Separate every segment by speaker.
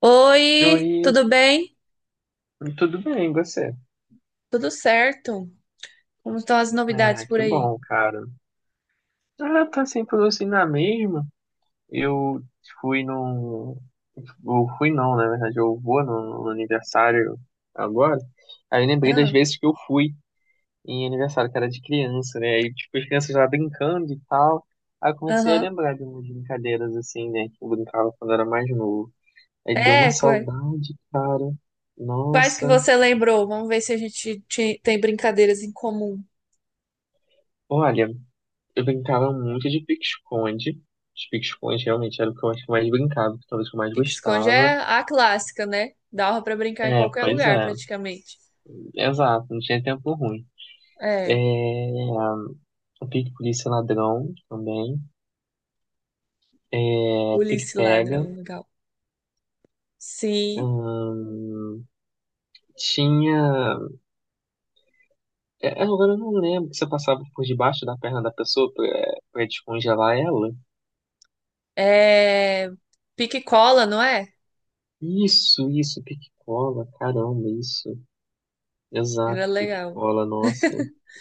Speaker 1: Oi,
Speaker 2: Oi,
Speaker 1: tudo bem?
Speaker 2: tudo bem, e você?
Speaker 1: Tudo certo? Como estão as novidades
Speaker 2: Ah,
Speaker 1: por
Speaker 2: que
Speaker 1: aí?
Speaker 2: bom, cara. Ah, tá sempre tudo assim na mesma. Eu fui num. Eu fui não, na verdade, eu vou no aniversário agora. Aí eu lembrei das
Speaker 1: Ah,
Speaker 2: vezes que eu fui em aniversário, que era de criança, né? Aí, tipo, as crianças lá brincando e tal. Aí eu comecei a
Speaker 1: aham.
Speaker 2: lembrar de umas brincadeiras assim, né? Que eu brincava quando era mais novo. Aí deu uma
Speaker 1: É,
Speaker 2: saudade, cara.
Speaker 1: quais que
Speaker 2: Nossa.
Speaker 1: você lembrou? Vamos ver se a gente tem brincadeiras em comum.
Speaker 2: Olha. Eu brincava muito de pique-esconde. Os pique-esconde realmente era o que eu acho que eu mais brincava, que talvez eu mais
Speaker 1: Pique esconde
Speaker 2: gostava.
Speaker 1: é a clássica, né? Dava pra brincar em
Speaker 2: É,
Speaker 1: qualquer
Speaker 2: pois
Speaker 1: lugar,
Speaker 2: é.
Speaker 1: praticamente.
Speaker 2: Exato, não tinha tempo ruim.
Speaker 1: É,
Speaker 2: O pique-polícia ladrão também. É,
Speaker 1: polícia e
Speaker 2: pique-pega.
Speaker 1: ladrão, legal. Sim,
Speaker 2: Hum, tinha. É, agora eu não lembro que você passava por debaixo da perna da pessoa pra descongelar ela.
Speaker 1: é pique e cola, não é?
Speaker 2: Isso, pique-cola, caramba, isso.
Speaker 1: Era
Speaker 2: Exato,
Speaker 1: legal.
Speaker 2: pique-cola, nossa.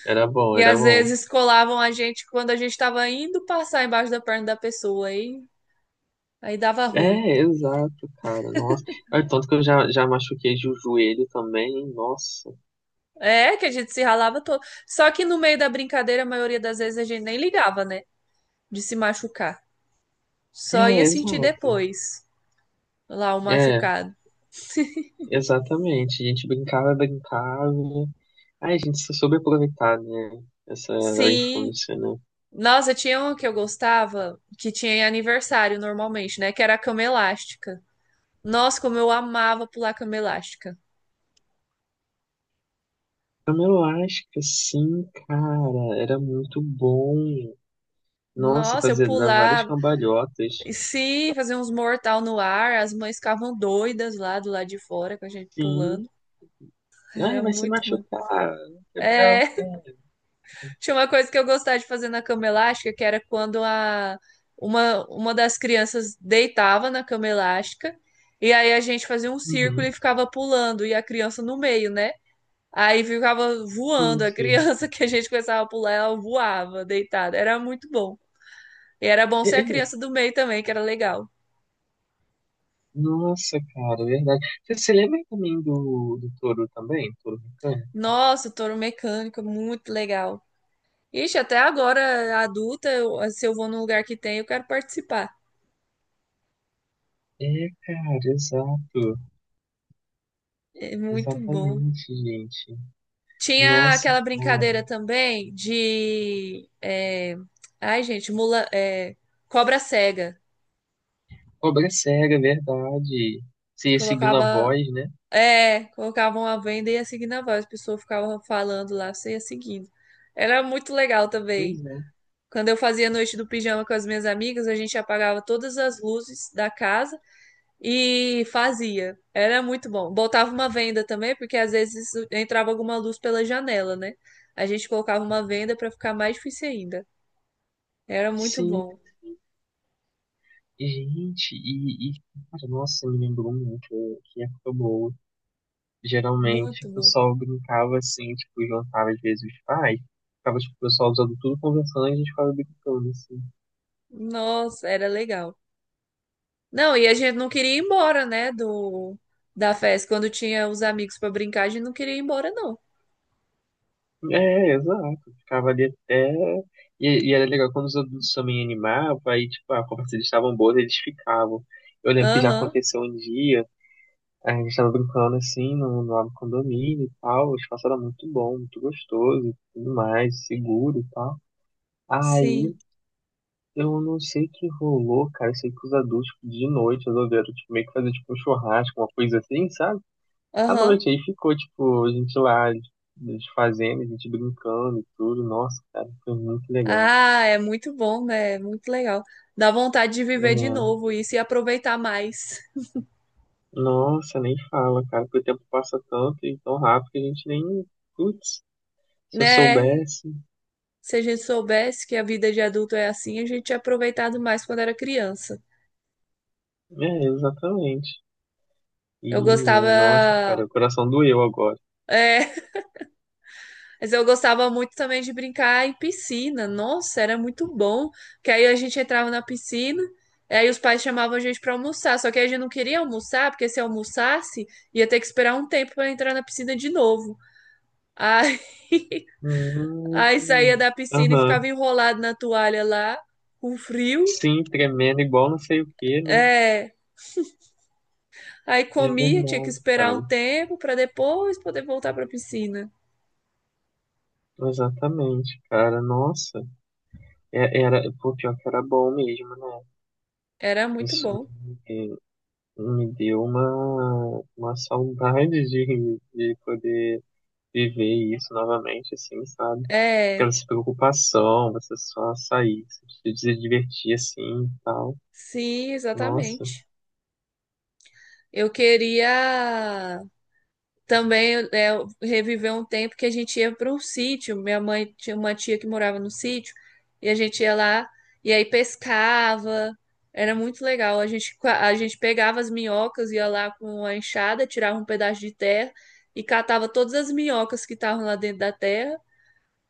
Speaker 2: Era bom,
Speaker 1: E
Speaker 2: era
Speaker 1: às
Speaker 2: bom.
Speaker 1: vezes colavam a gente quando a gente estava indo passar embaixo da perna da pessoa, aí dava ruim.
Speaker 2: É, exato, cara. Nossa. Olha, tanto que eu já machuquei o joelho também. Nossa.
Speaker 1: É, que a gente se ralava todo. Só que no meio da brincadeira, a maioria das vezes a gente nem ligava, né? De se machucar. Só ia
Speaker 2: É,
Speaker 1: sentir
Speaker 2: exato.
Speaker 1: depois lá o
Speaker 2: É,
Speaker 1: machucado.
Speaker 2: exatamente. A gente brincava, brincava. Ai, a gente se soube aproveitar, né? Essa
Speaker 1: Sim.
Speaker 2: infância, né?
Speaker 1: Nossa, tinha uma que eu gostava, que tinha em aniversário normalmente, né? Que era a cama elástica. Nossa, como eu amava pular cama elástica.
Speaker 2: Então, eu acho que sim, cara. Era muito bom. Nossa,
Speaker 1: Nossa, eu
Speaker 2: fazer dar várias
Speaker 1: pulava.
Speaker 2: cambalhotas.
Speaker 1: E sim, fazia uns mortal no ar. As mães ficavam doidas lá do lado de fora com a gente
Speaker 2: Sim.
Speaker 1: pulando.
Speaker 2: Ai,
Speaker 1: Era
Speaker 2: vai se
Speaker 1: muito bom.
Speaker 2: machucar. Quebrar o pé.
Speaker 1: É. Tinha uma coisa que eu gostava de fazer na cama elástica, que era quando uma das crianças deitava na cama elástica, e aí a gente fazia um círculo e
Speaker 2: Uhum.
Speaker 1: ficava pulando, e a criança no meio, né? Aí ficava
Speaker 2: Sim,
Speaker 1: voando, a
Speaker 2: sim.
Speaker 1: criança que a gente começava a pular, ela voava deitada. Era muito bom. E era bom
Speaker 2: É,
Speaker 1: ser a
Speaker 2: é.
Speaker 1: criança do meio também, que era legal.
Speaker 2: Nossa, cara, é verdade. Você se lembra também do touro também? Touro mecânico?
Speaker 1: Nossa, touro mecânico, muito legal. Ixi, até agora, adulta, se eu vou num lugar que tem, eu quero participar.
Speaker 2: É, cara, exato.
Speaker 1: É muito bom.
Speaker 2: Exatamente, gente.
Speaker 1: Tinha
Speaker 2: Nossa,
Speaker 1: aquela
Speaker 2: cara.
Speaker 1: brincadeira também de. Ai, gente, mula. Cobra cega.
Speaker 2: Cobra cega, é verdade. Você ia seguindo a
Speaker 1: Colocava.
Speaker 2: voz, né?
Speaker 1: É, colocavam a venda e ia seguindo a voz. A pessoa ficava falando lá, você ia seguindo. Era muito legal
Speaker 2: Pois
Speaker 1: também.
Speaker 2: é.
Speaker 1: Quando eu fazia noite do pijama com as minhas amigas, a gente apagava todas as luzes da casa e fazia. Era muito bom. Botava uma venda também, porque às vezes entrava alguma luz pela janela, né? A gente colocava uma venda para ficar mais difícil ainda. Era muito
Speaker 2: Sim,
Speaker 1: bom,
Speaker 2: gente. E cara, nossa, me lembrou muito que época boa. Geralmente,
Speaker 1: muito
Speaker 2: o
Speaker 1: bom.
Speaker 2: pessoal brincava assim, tipo, juntava às vezes os pais. Ficava, tipo, o pessoal usando tudo conversando e a gente ficava brincando, assim.
Speaker 1: Nossa, era legal. Não, e a gente não queria ir embora, né, do da festa. Quando tinha os amigos pra brincar, a gente não queria ir embora, não.
Speaker 2: É, exato. Ficava ali até. E era legal quando os adultos também animavam, aí, tipo, a conversa deles estavam boas, eles ficavam. Eu lembro que já
Speaker 1: Aham,
Speaker 2: aconteceu um dia, a gente tava brincando assim no lado do condomínio e tal, o espaço era muito bom, muito gostoso e tudo mais, seguro e tal. Aí
Speaker 1: sim,
Speaker 2: eu não sei o que rolou, cara. Eu sei que os adultos tipo, de noite resolveram tipo, meio que fazer tipo, um churrasco, uma coisa assim, sabe? À
Speaker 1: aham.
Speaker 2: noite. Aí ficou, tipo, a gente lá a fazendo, a gente brincando e tudo. Nossa, cara, foi muito legal.
Speaker 1: Ah, é muito bom, né? É muito legal. Dá vontade de viver de
Speaker 2: É,
Speaker 1: novo isso e aproveitar mais,
Speaker 2: nossa, nem fala, cara, porque o tempo passa tanto e tão rápido que a gente nem. Putz, se eu
Speaker 1: né?
Speaker 2: soubesse.
Speaker 1: Se a gente soubesse que a vida de adulto é assim, a gente tinha aproveitado mais quando era criança.
Speaker 2: É, exatamente. E,
Speaker 1: Eu
Speaker 2: é, nossa,
Speaker 1: gostava.
Speaker 2: cara, o coração doeu agora.
Speaker 1: é, Mas eu gostava muito também de brincar em piscina. Nossa, era muito bom. Porque aí a gente entrava na piscina, aí os pais chamavam a gente para almoçar. Só que a gente não queria almoçar, porque se almoçasse, ia ter que esperar um tempo para entrar na piscina de novo. Aí, aí saía
Speaker 2: Hum.
Speaker 1: da piscina e
Speaker 2: Aham.
Speaker 1: ficava enrolado na toalha lá, com frio.
Speaker 2: Sim, tremendo igual não sei o que, né?
Speaker 1: É, aí
Speaker 2: É
Speaker 1: comia, tinha que
Speaker 2: verdade,
Speaker 1: esperar um
Speaker 2: cara.
Speaker 1: tempo para depois poder voltar para a piscina.
Speaker 2: Exatamente, cara. Nossa, era, pô, pior que era bom mesmo, né?
Speaker 1: Era muito
Speaker 2: Isso
Speaker 1: bom.
Speaker 2: me, me deu uma saudade de poder viver isso novamente, assim, sabe? Aquela
Speaker 1: É,
Speaker 2: preocupação, você só sair, se divertir assim e tal.
Speaker 1: sim,
Speaker 2: Nossa,
Speaker 1: exatamente. Eu queria também reviver um tempo que a gente ia para um sítio. Minha mãe tinha uma tia que morava no sítio e a gente ia lá e aí pescava. Era muito legal. A gente, a gente pegava as minhocas, ia lá com a enxada, tirava um pedaço de terra e catava todas as minhocas que estavam lá dentro da terra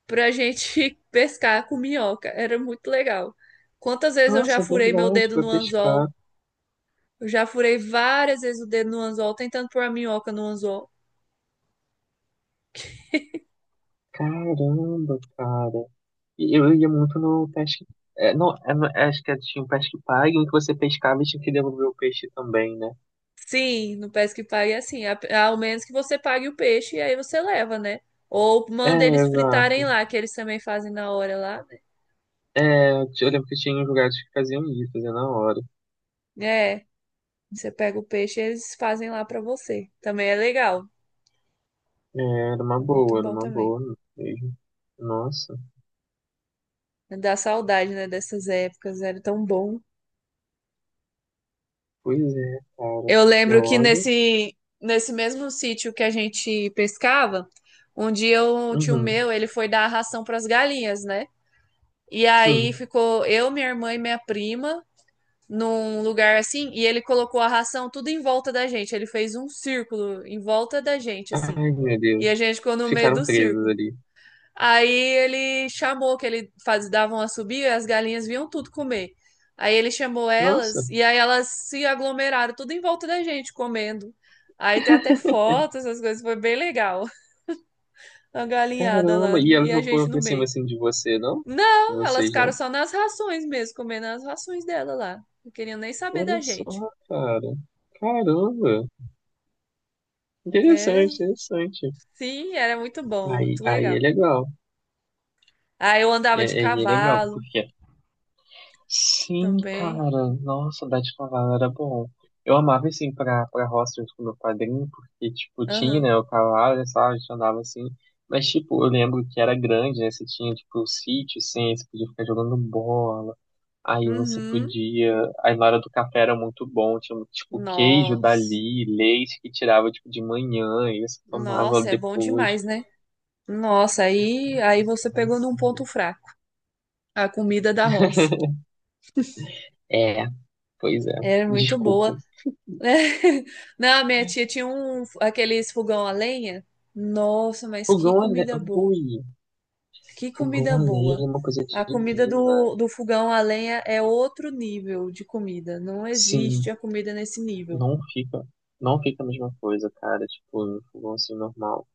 Speaker 1: pra gente pescar com minhoca. Era muito legal. Quantas vezes eu já
Speaker 2: nossa, é
Speaker 1: furei meu
Speaker 2: verdade,
Speaker 1: dedo
Speaker 2: pra
Speaker 1: no anzol
Speaker 2: pescar.
Speaker 1: eu já furei várias vezes o dedo no anzol, tentando pôr a minhoca no anzol.
Speaker 2: Caramba, cara. E eu ia muito no pesque. Acho que é, tinha um pesque pague em que você pescava e tinha que devolver o peixe também, né?
Speaker 1: Sim, no Pesca e Pague é assim. Ao menos que você pague o peixe e aí você leva, né? Ou
Speaker 2: É,
Speaker 1: manda eles fritarem
Speaker 2: exato.
Speaker 1: lá, que eles também fazem na hora lá,
Speaker 2: É, eu lembro que tinha uns lugares que faziam isso, fazia na hora.
Speaker 1: né? É, você pega o peixe e eles fazem lá pra você. Também é legal.
Speaker 2: É, era uma
Speaker 1: É muito
Speaker 2: boa, era
Speaker 1: bom
Speaker 2: uma
Speaker 1: também.
Speaker 2: boa mesmo. Nossa,
Speaker 1: Dá saudade, né, dessas épocas, era tão bom.
Speaker 2: pois é, cara,
Speaker 1: Eu
Speaker 2: porque
Speaker 1: lembro que
Speaker 2: olha.
Speaker 1: nesse mesmo sítio que a gente pescava, um dia um tio
Speaker 2: Uhum,
Speaker 1: meu, ele foi dar ração pras galinhas, né? E
Speaker 2: sim.
Speaker 1: aí ficou eu, minha irmã e minha prima num lugar assim, e ele colocou a ração tudo em volta da gente. Ele fez um círculo em volta da gente, assim.
Speaker 2: Ai, meu
Speaker 1: E a
Speaker 2: Deus.
Speaker 1: gente ficou no meio
Speaker 2: Ficaram
Speaker 1: do
Speaker 2: presas
Speaker 1: círculo.
Speaker 2: ali.
Speaker 1: Aí ele chamou que ele faz, davam a subir e as galinhas vinham tudo comer. Aí ele chamou
Speaker 2: Nossa,
Speaker 1: elas e aí elas se aglomeraram tudo em volta da gente comendo. Aí tem até fotos, essas coisas, foi bem legal. A galinhada lá
Speaker 2: caramba. E
Speaker 1: e
Speaker 2: elas
Speaker 1: a
Speaker 2: não
Speaker 1: gente
Speaker 2: foram
Speaker 1: no
Speaker 2: pra cima
Speaker 1: meio.
Speaker 2: assim de você, não? De
Speaker 1: Não, elas
Speaker 2: vocês,
Speaker 1: ficaram
Speaker 2: não?
Speaker 1: só nas rações mesmo, comendo as rações dela lá. Não queriam nem saber da
Speaker 2: Olha só,
Speaker 1: gente.
Speaker 2: cara. Caramba.
Speaker 1: Era,
Speaker 2: Interessante, interessante.
Speaker 1: sim, era muito bom,
Speaker 2: Aí,
Speaker 1: muito
Speaker 2: aí é
Speaker 1: legal.
Speaker 2: legal.
Speaker 1: Ah, eu
Speaker 2: É,
Speaker 1: andava de
Speaker 2: aí é legal,
Speaker 1: cavalo
Speaker 2: porque sim,
Speaker 1: também.
Speaker 2: cara. Nossa, o Bete Cavalo era bom. Eu amava, assim, pra roça junto com meu padrinho, porque, tipo, tinha,
Speaker 1: Aham.
Speaker 2: né, o cavalo, e tal, a gente andava assim. Mas, tipo, eu lembro que era grande, né? Você tinha, tipo, o sítio, assim, você podia ficar jogando bola. Aí você
Speaker 1: Uhum.
Speaker 2: podia. Aí na hora do café era muito bom. Tinha, tipo, queijo
Speaker 1: Nossa.
Speaker 2: dali, leite que tirava, tipo, de manhã, e você tomava
Speaker 1: Nossa, é bom
Speaker 2: depois.
Speaker 1: demais, né? Nossa, aí você pegou num ponto fraco. A comida da roça.
Speaker 2: É, pois é.
Speaker 1: Era muito
Speaker 2: Desculpa.
Speaker 1: boa. Não, minha tia tinha um, aqueles fogão a lenha. Nossa, mas que
Speaker 2: Fogão, ale-
Speaker 1: comida boa.
Speaker 2: ui.
Speaker 1: Que
Speaker 2: O bom
Speaker 1: comida
Speaker 2: além é
Speaker 1: boa.
Speaker 2: uma coisa
Speaker 1: A comida
Speaker 2: divina.
Speaker 1: do, do fogão a lenha é outro nível de comida. Não existe
Speaker 2: Sim,
Speaker 1: a comida nesse nível.
Speaker 2: não fica, não fica a mesma coisa, cara, tipo, no fogão assim normal.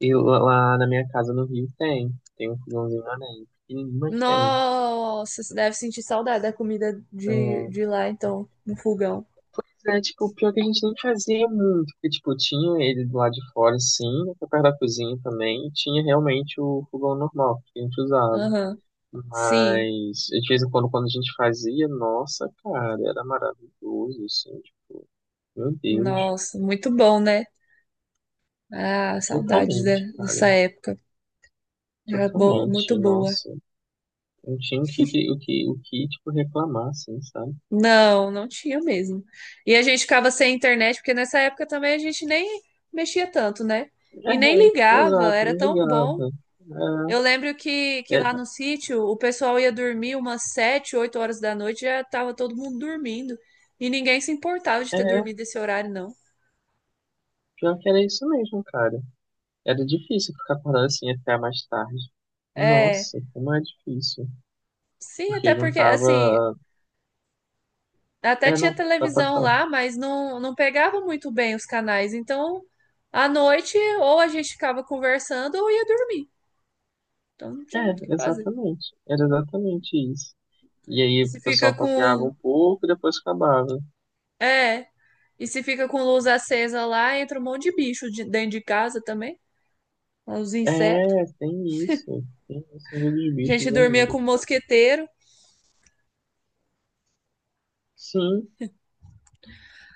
Speaker 2: E lá na minha casa no Rio tem, tem um fogãozinho além, pequenininho, mas tem.
Speaker 1: Nossa, você deve sentir saudade da comida
Speaker 2: É,
Speaker 1: de lá, então, no fogão.
Speaker 2: mas é, tipo, pior que a gente nem fazia muito, porque, tipo, tinha ele do lado de fora, sim, perto da cozinha também, e tinha realmente o fogão normal que a gente usava.
Speaker 1: Aham. Sim.
Speaker 2: Mas, de vez em quando, quando a gente fazia, nossa, cara, era maravilhoso, assim, tipo, meu Deus.
Speaker 1: Nossa, muito bom, né? Ah,
Speaker 2: Totalmente, cara.
Speaker 1: dessa época.
Speaker 2: Totalmente.
Speaker 1: Muito boa.
Speaker 2: Nossa. Não tinha o que, o que, o que tipo, reclamar, assim, sabe?
Speaker 1: Não, não tinha mesmo. E a gente ficava sem internet, porque nessa época também a gente nem mexia tanto, né?
Speaker 2: É,
Speaker 1: E nem
Speaker 2: é,
Speaker 1: ligava,
Speaker 2: exato.
Speaker 1: era
Speaker 2: Me
Speaker 1: tão bom.
Speaker 2: ligava.
Speaker 1: Eu lembro que
Speaker 2: É,
Speaker 1: lá no sítio o pessoal ia dormir umas 7, 8 horas da noite, já tava todo mundo dormindo. E ninguém se importava de
Speaker 2: é,
Speaker 1: ter
Speaker 2: é,
Speaker 1: dormido esse horário, não.
Speaker 2: pior que era isso mesmo, cara. Era difícil ficar acordado assim até mais tarde.
Speaker 1: É,
Speaker 2: Nossa, como é difícil.
Speaker 1: sim, até
Speaker 2: Porque
Speaker 1: porque, assim,
Speaker 2: juntava.
Speaker 1: até
Speaker 2: É,
Speaker 1: tinha
Speaker 2: não, ah, pode
Speaker 1: televisão
Speaker 2: falar.
Speaker 1: lá, mas não pegava muito bem os canais. Então, à noite, ou a gente ficava conversando ou ia dormir. Então, não tinha muito o que
Speaker 2: É,
Speaker 1: fazer.
Speaker 2: exatamente. Era exatamente isso. E aí
Speaker 1: E se
Speaker 2: o
Speaker 1: fica
Speaker 2: pessoal papeava
Speaker 1: com.
Speaker 2: um pouco e depois acabava.
Speaker 1: É, e se fica com luz acesa lá, entra um monte de dentro de casa também, os insetos.
Speaker 2: É, tem isso. Tem o Senhor dos
Speaker 1: A gente
Speaker 2: Bichos
Speaker 1: dormia
Speaker 2: ainda.
Speaker 1: com o mosqueteiro.
Speaker 2: Sim,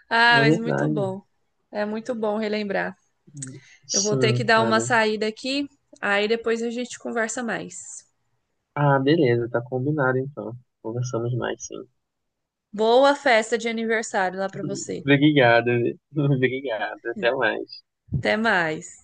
Speaker 1: Ah,
Speaker 2: é
Speaker 1: mas muito
Speaker 2: verdade.
Speaker 1: bom. É muito bom relembrar. Eu vou ter
Speaker 2: Sim,
Speaker 1: que dar uma
Speaker 2: cara.
Speaker 1: saída aqui, aí depois a gente conversa mais.
Speaker 2: Ah, beleza, tá combinado então. Conversamos mais, sim.
Speaker 1: Boa festa de aniversário lá para você.
Speaker 2: Obrigado, obrigado. Até mais.
Speaker 1: Até mais.